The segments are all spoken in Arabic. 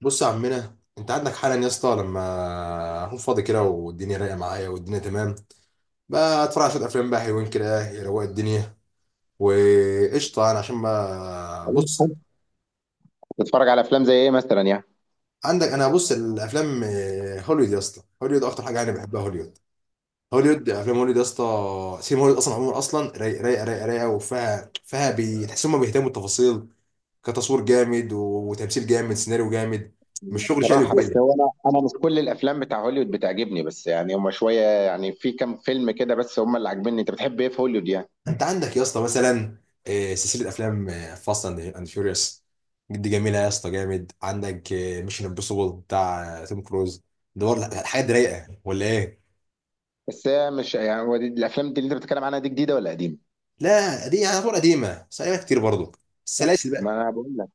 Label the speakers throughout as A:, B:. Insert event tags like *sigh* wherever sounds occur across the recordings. A: بص يا عمنا، انت عندك حالا يا اسطى. لما اكون فاضي كده والدنيا رايقه معايا والدنيا تمام، بقى اتفرج على شويه افلام بقى حلوين كده يروق الدنيا. وقشطه انا عشان ما بص.
B: بتتفرج على افلام زي ايه مثلا يعني؟
A: عندك، انا بص الافلام، هوليوود يا اسطى. هوليوود اكتر حاجه انا بحبها، هوليوود. هوليوود، افلام هوليوود يا اسطى. سينما هوليوود اصلا، عموما اصلا رايقه رايقه رايقه رايقه، وفيها تحس هم بيهتموا بالتفاصيل، كتصوير جامد وتمثيل جامد سيناريو جامد. مش شغل شقلب.
B: صراحه بس هو انا مش كل الافلام بتاع هوليوود بتعجبني، بس يعني هما شويه، يعني في كام فيلم كده بس هما اللي عاجبني. انت بتحب ايه في هوليوود يعني؟
A: انت عندك يا اسطى مثلا سلسله افلام فاست اند فيوريوس، دي جميله يا اسطى جامد. عندك ميشن امبوسيبل بتاع توم كروز، ده برضه حاجات رايقه ولا ايه؟
B: بس هي مش يعني، هو دي الافلام دي اللي انت بتتكلم عنها دي جديده ولا قديمه؟
A: لا دي يعني طول قديمه، بس قديمه كتير برضه، السلاسل
B: ما
A: بقى.
B: انا بقول لك.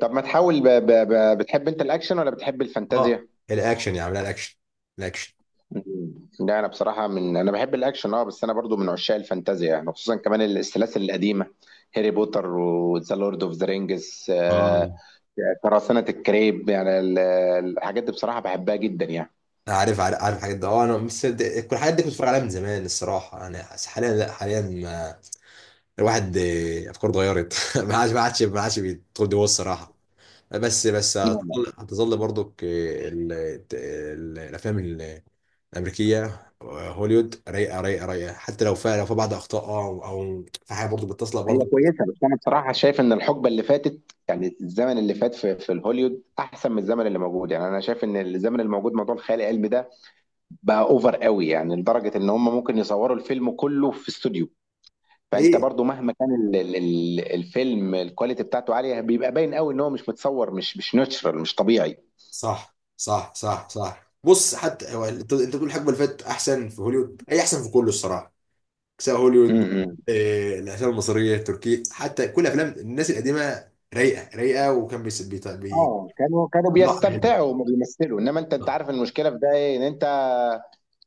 B: طب ما تحاول، بتحب انت الاكشن ولا بتحب
A: اه،
B: الفانتازيا؟
A: الاكشن يا عم، لا، الاكشن، الاكشن.
B: لا انا بصراحه من، انا بحب الاكشن اه، بس انا برضو من عشاق الفانتازيا، يعني خصوصا كمان السلاسل القديمه، هاري بوتر وذا لورد اوف ذا رينجز،
A: اه،
B: قراصنة الكريب، يعني الحاجات دي بصراحة بحبها جدا يعني.
A: عارف عارف عارف الحاجات ده. اه، انا كل الحاجات دي كنت بتفرج عليها من زمان الصراحه يعني. حاليا لا، حاليا الواحد افكاره اتغيرت *laughs* ما عادش ما عادش ما عادش بيدخل جوه الصراحه. بس
B: لا لا.
A: هتظل برضك، الافلام الامريكيه. هوليوود رايقه رايقه رايقه، حتى لو فيها، لو في بعض اخطاء او في حاجه برضو بتصلح
B: هي
A: برضو.
B: كويسة، بس أنا بصراحة شايف إن الحقبة اللي فاتت، يعني الزمن اللي فات في الهوليود أحسن من الزمن اللي موجود. يعني أنا شايف إن الزمن اللي موجود موضوع الخيال العلمي ده بقى أوفر قوي، يعني لدرجة إن هم ممكن يصوروا الفيلم كله في استوديو. فأنت
A: هي،
B: برضو مهما كان الفيلم الكواليتي بتاعته عالية، بيبقى باين قوي إن هو مش متصور، مش ناتشرال، مش طبيعي.
A: صح صح صح صح. بص، حتى هو، انت بتقول الحقبه اللي فاتت احسن في هوليوود، هي احسن في كله الصراحه، سواء
B: م-
A: هوليوود،
B: م.
A: الافلام المصريه التركيه، حتى كل افلام الناس القديمه رايقه رايقه.
B: اه، كانوا
A: لا حلو.
B: بيستمتعوا وما بيمثلوا. انما انت، عارف المشكله في ده ايه؟ ان انت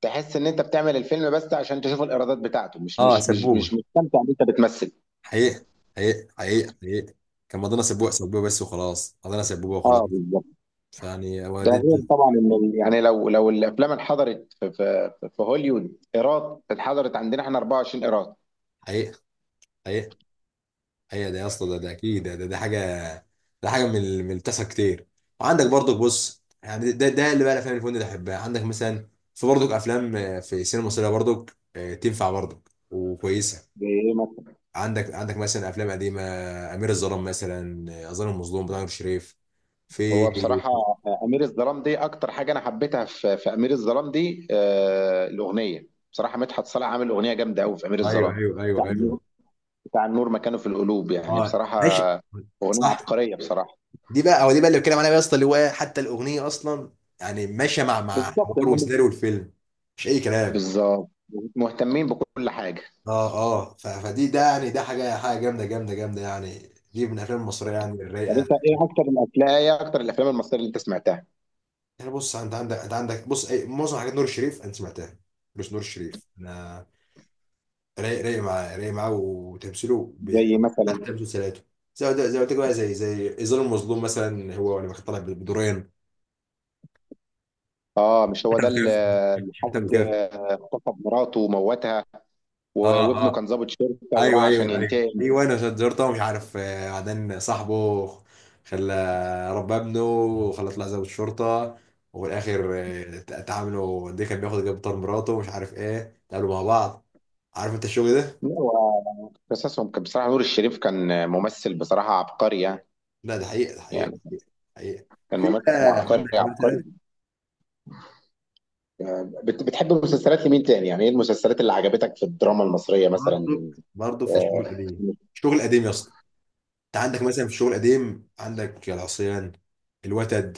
B: تحس ان انت بتعمل الفيلم بس عشان تشوف الايرادات بتاعته، مش
A: اه
B: مش مش
A: سبوبه،
B: مش مستمتع ان انت بتمثل.
A: حقيقه، حقيقه حقيقه حقيقه. كان مضينا سبوبه سبوبه بس وخلاص، مضينا سبوبه وخلاص.
B: اه بالظبط.
A: فيعني
B: ده غير طبعا ان يعني لو الافلام اتحضرت في هوليوود ايراد، اتحضرت عندنا احنا 24 ايراد.
A: حقيقه، حقيقه، حقيقه. ده يا اسطى، ده اكيد، ده حاجه، ده حاجه من من التسع كتير. وعندك برضك، بص يعني، ده اللي بقى الافلام اللي كنت بحبها عندك مثلا. في برضك افلام، في السينما المصريه برضك، تنفع برضك وكويسه.
B: بايه مثلا؟
A: عندك مثلا افلام قديمه، امير الظلام مثلا، الظالم المظلوم بتاع نور الشريف. في،
B: هو بصراحه امير الظلام دي اكتر حاجه انا حبيتها في امير الظلام دي، آه الاغنيه. بصراحه مدحت صالح عامل اغنيه جامده قوي في امير
A: ايوه
B: الظلام،
A: ايوه
B: بتاع
A: ايوه ايوه.
B: النور. بتاع النور مكانه في القلوب يعني
A: اه
B: بصراحه،
A: ماشي.
B: اغنيه
A: صح.
B: عبقريه بصراحه.
A: دي بقى، هو دي بقى اللي بتكلم عليها بقى يا اسطى، اللي هو حتى الاغنيه اصلا يعني ماشيه مع
B: بالظبط.
A: حوار وسيناريو الفيلم، مش اي كلام.
B: بالظبط، مهتمين بكل حاجه.
A: اه اه، فدي ده يعني، ده حاجه جامده جامده جامده يعني، دي من الافلام المصريه يعني
B: طب
A: الرايقه.
B: انت ايه اكتر الافلام، ايه اكتر الافلام المصريه اللي انت سمعتها؟
A: يعني بص، انت عندك بص، أي معظم حاجات نور الشريف انت سمعتها. بص، نور الشريف انا رايق معاه، رايق معاه وتمثيله
B: زي
A: بيعجبني. حتى
B: مثلا؟
A: مسلسلاته، زي ما قلت لك بقى، زي ظل المظلوم مثلا، هو لما كان طالع بدورين.
B: اه، مش هو
A: حتى
B: ده اللي،
A: مكافح، حتى
B: حد
A: مكافح.
B: اغتصب مراته وموتها،
A: اه
B: وابنه كان
A: اه،
B: ضابط شرطه
A: ايوه
B: وراح عشان
A: ايوه ايوه
B: ينتقم؟
A: ايوه. انا عشان زرته مش عارف، بعدين صاحبه خلى، ربى ابنه وخلى طلع ضابط شرطة، وفي الاخر اتعاملوا دي، كان بياخد جاب طار مراته ومش عارف ايه، اتقابلوا مع بعض. عارف انت الشغل ده؟
B: لا، هو قصصهم كان بصراحه، نور الشريف كان ممثل بصراحه عبقري يعني.
A: لا، ده حقيقة، ده حقيقة، ده
B: يعني
A: حقيقة، حقيقة.
B: كان
A: في
B: ممثل
A: بقى
B: عبقري
A: عندك مثلا،
B: عبقري. بتحب مسلسلات لمين تاني؟ يعني ايه المسلسلات اللي عجبتك في الدراما المصريه
A: برضه،
B: مثلا؟
A: برضه في الشغل
B: آه،
A: القديم، الشغل القديم يا اسطى. انت عندك مثلا في الشغل القديم، عندك العصيان، الوتد،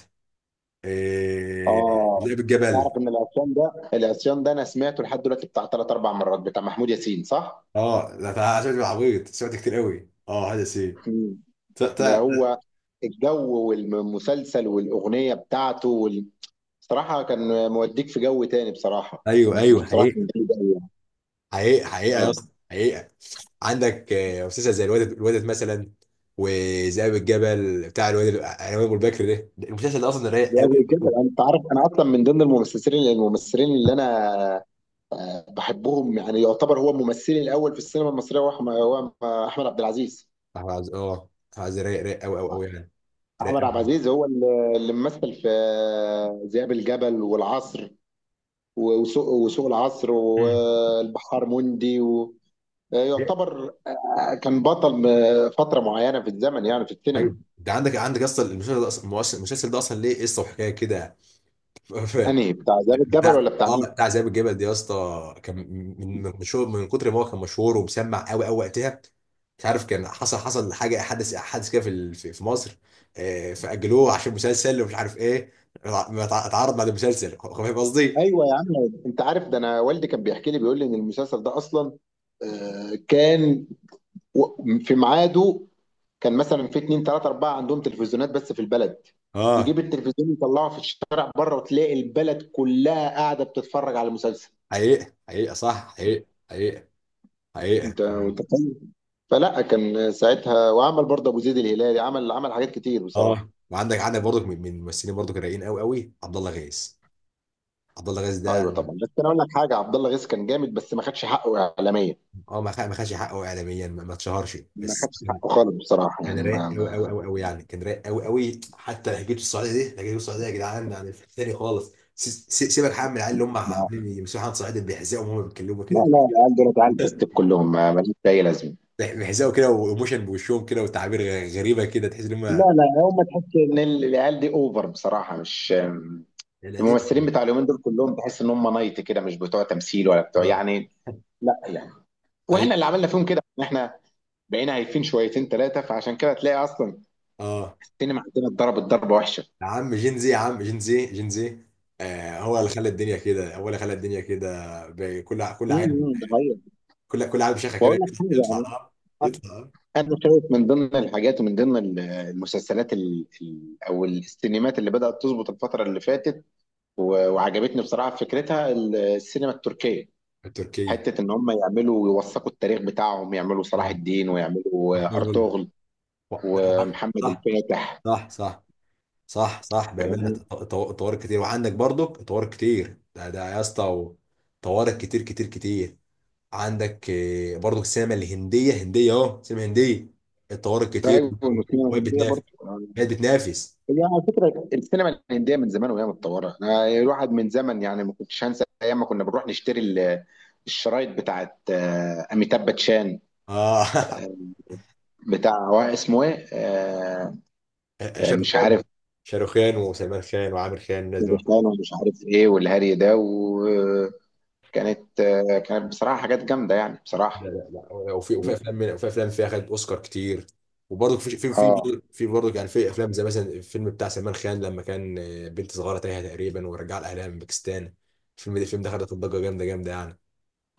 A: آه،
B: اه،
A: لعب الجبل.
B: تعرف ان العصيان ده، العصيان ده انا سمعته لحد دلوقتي بتاع ثلاث اربع مرات، بتاع محمود ياسين صح؟
A: اه لا، ده عشان تبقى عبيط سمعت كتير قوي. اه هذا سي،
B: مم.
A: ت-
B: ده
A: ت-
B: هو، الجو والمسلسل والاغنيه بتاعته بصراحه كان موديك في جو تاني بصراحه،
A: ايوه
B: يعني
A: ايوه،
B: بصراحه
A: حقيقة،
B: كان جامد أوي يعني.
A: حقيقة حقيقة يا
B: اه.
A: اسطى حقيقة. عندك مسلسل زي الواد مثلا، وذئاب الجبل بتاع الواد، العنوان ابو البكر ده المسلسل ده اصلا رايق
B: ده
A: قوي.
B: غير كده، انت عارف انا اصلا من ضمن الممثلين، اللي انا بحبهم، يعني يعتبر هو ممثلي الاول في السينما المصريه، هو هو احمد عبد العزيز.
A: أحمد عز رايق قوي قوي قوي يعني، رايق
B: احمد عبد
A: قوي.
B: العزيز هو اللي ممثل في ذئاب الجبل والعصر، وسوق العصر، والبحار مندي يعتبر كان بطل فتره معينه في الزمن يعني، في السينما.
A: ايوه، ده عندك اصلا المسلسل ده اصلا، المسلسل ده اصلا ليه قصه وحكايه كده. *laughs*
B: انهي، بتاع ذئاب الجبل
A: لا
B: ولا بتاع
A: اه،
B: مين؟
A: بتاع ذئاب الجبل دي يا اسطى كان من، مشهور، من كتر ما هو كان مشهور ومسمع قوي قوي وقتها. مش عارف، كان حصل حاجه، حدث كده في في مصر، فاجلوه عشان مسلسل ومش عارف ايه. ما اتعرض بعد المسلسل. فاهم قصدي؟
B: ايوه يا عم. انت عارف ده، انا والدي كان بيحكي لي، بيقول لي ان المسلسل ده اصلا كان، في ميعاده كان مثلا في اتنين تلاته اربعه عندهم تلفزيونات بس في البلد،
A: اه،
B: يجيب التلفزيون يطلعه في الشارع بره وتلاقي البلد كلها قاعده بتتفرج على المسلسل.
A: حقيقه حقيقه، صح، حقيقه حقيقه، حقيقه.
B: انت متخيل؟ فلا كان ساعتها. وعمل برضه ابو زيد الهلالي، عمل حاجات كتير بصراحه.
A: اه، وعندك برضك، من الممثلين برضك الرايقين قوي قوي، عبد الله غيث. عبد الله غيث ده،
B: ايوه طبعا. بس انا اقول لك حاجه، عبد الله غيث كان جامد، بس ما خدش حقه اعلاميا.
A: اه، ما خدش حقه اعلاميا، ما اتشهرش
B: ما
A: بس.
B: خدش حقه خالص بصراحه،
A: كان
B: يعني
A: رايق قوي قوي قوي قوي يعني، كان رايق قوي قوي. حتى لهجته السعوديه، دي لهجته السعوديه يا جدعان يعني، في تاني خالص. سيبك يا عم من العيال اللي هم
B: ما،
A: عاملين يمسكوا حد صعيدي بيحزقوا وهم بيتكلموا
B: لا
A: كده.
B: لا. العيال دول عيال فستك
A: *laughs*
B: كلهم، ما ماليش اي لازمه.
A: بيحزقوا كده، وايموشن بوشهم كده، وتعابير غريبه كده، تحس ان
B: لا
A: هم
B: لا، هم تحس ان العيال دي اوفر بصراحه، مش
A: القديم
B: الممثلين
A: دي.
B: بتاع اليومين دول كلهم. تحس ان هم نايت كده، مش بتوع تمثيل ولا بتوع يعني، لا يعني،
A: اي
B: واحنا اللي عملنا فيهم كده، ان احنا بقينا هايفين شويتين ثلاثه، فعشان كده تلاقي اصلا
A: اه
B: السينما عندنا اتضربت ضربه وحشه.
A: يا عم جين زي، يا عم جين زي جين زي. آه، هو اللي خلى الدنيا كده، هو اللي خلى الدنيا كده. كل عام،
B: امم، ده حقيقة.
A: كل عام شيخه
B: بقول
A: كده
B: لك حاجه.
A: يطلع،
B: انا
A: يطلع،
B: أنا شايف من ضمن الحاجات ومن ضمن المسلسلات او السينمات اللي بدات تظبط الفتره اللي فاتت، وعجبتني بصراحه فكرتها، السينما التركيه.
A: التركي.
B: حته ان هم يعملوا يوثقوا التاريخ بتاعهم، يعملوا صلاح
A: اه
B: الدين، ويعملوا ارطغرل ومحمد
A: لا،
B: الفاتح.
A: صح صح صح صح بأمانة. طوارئ كتير، وعندك برضك طوارئ كتير، ده يا اسطى، طوارئ كتير كتير كتير. عندك برضك السينما الهندية، هندية اهو سينما هندية الطوارئ كتير.
B: ايوه، والسينما
A: وهي
B: الهنديه
A: بتنافس،
B: برضه.
A: هي بتنافس.
B: هي على فكره السينما الهنديه من زمان وهي متطوره. أنا الواحد من زمن يعني، ما كنتش هنسى ايام ما كنا بنروح نشتري الشرايط بتاعت اميتاب باتشان،
A: اه.
B: بتاع، هو اسمه ايه
A: *laughs*
B: مش عارف،
A: شاروخان، شاروخان وسلمان خان وعامر خان الناس دول.
B: باتشان، ومش عارف ايه، والهري ده. وكانت كانت بصراحه حاجات جامده يعني
A: لا
B: بصراحه.
A: لا لا، وفي افلام، وفي افلام فيها خدت اوسكار كتير. وبرضه في،
B: اه
A: في برضه يعني في افلام زي مثلا الفيلم بتاع سلمان خان، لما كان بنت صغيره تايهه تقريبا ورجع لاهلها من باكستان. الفيلم ده خد ضجه جامده جامده يعني،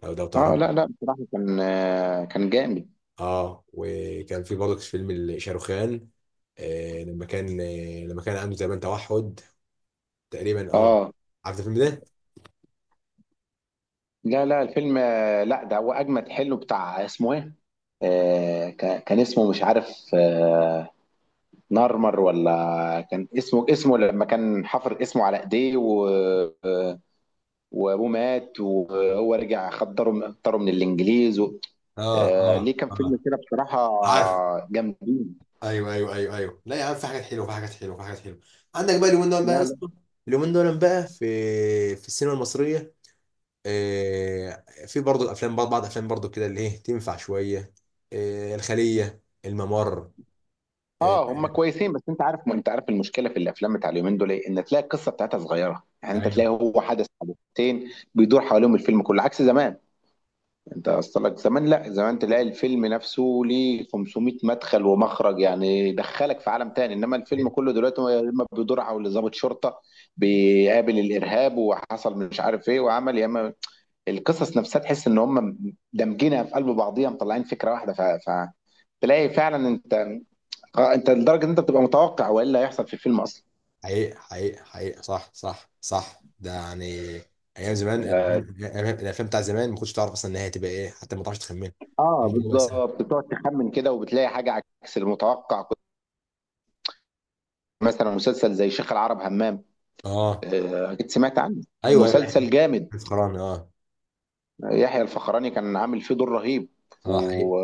A: لو ده
B: اه.
A: تعرف.
B: لا لا بصراحه كان كان جامد.
A: اه، وكان في برضه فيلم شاروخان. لما كان عنده تقريبا توحد، تقريبا. اه
B: اه.
A: عارف الفيلم ده؟
B: لا لا الفيلم لا، ده هو اجمد، حلو بتاع، اسمه ايه كان، كان اسمه مش عارف، آه، نارمر، ولا كان اسمه، اسمه لما كان حفر اسمه على ايديه و... آه، وابوه مات، وهو رجع خدره خدره من الانجليز و...
A: اه
B: آه،
A: اه
B: ليه، كان فيلم
A: اه،
B: كده بصراحة
A: عارف.
B: جامدين.
A: ايوه ايوه ايوه ايوه، لا يا عم، في حاجات حلوه، في حاجات حلوه، في حاجات حلوه. عندك بقى اليومين دول بقى يا
B: لا لا.
A: اسطى، اليومين دول بقى في، في السينما المصريه، في برضه الافلام، بعض افلام برضه كده، اللي ايه، تنفع شويه، الخليه، الممر. آه،
B: اه، هم كويسين، بس انت عارف، انت عارف المشكله في الافلام بتاع اليومين دول ايه؟ ان تلاقي القصه بتاعتها صغيره، يعني انت
A: ايوه
B: تلاقي هو حدث حدثتين بيدور حواليهم الفيلم كله، عكس زمان. انت اصلك زمان، لا زمان تلاقي الفيلم نفسه ليه 500 مدخل ومخرج، يعني يدخلك في عالم تاني. انما الفيلم كله دلوقتي هو يا اما بيدور حول ضابط شرطه بيقابل الارهاب وحصل مش عارف ايه وعمل، يا اما القصص نفسها تحس ان هم دمجينها في قلب بعضيها مطلعين فكره واحده، تلاقي فعلا انت، اه انت لدرجه ان انت بتبقى متوقع وايه اللي هيحصل في الفيلم اصلا.
A: حقيقة حقيقة حقيقة، صح صح صح ده يعني، ايام زمان
B: اه.
A: الأفلام بتاع زمان ما كنتش تعرف اصلا النهايه هتبقى ايه، حتى ما تعرفش تخمنها. الموضوع بقى سهل.
B: بالظبط، بتقعد تخمن كده وبتلاقي حاجه عكس المتوقع. مثلا مسلسل زي شيخ العرب همام،
A: اه
B: أكيد سمعت عنه،
A: ايوه ايوه
B: مسلسل جامد.
A: الفخراني، اه،
B: يحيى الفخراني كان عامل فيه دور رهيب
A: اه حقيقة.
B: و...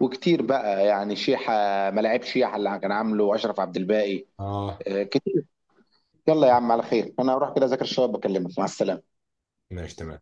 B: وكتير بقى يعني، شيحة، ملاعب شيحة اللي كان عامله أشرف عبد الباقي،
A: اه
B: كتير. يلا يا عم على خير، أنا هروح كده أذاكر الشباب، بكلمك، مع السلامة.
A: ماشي تمام.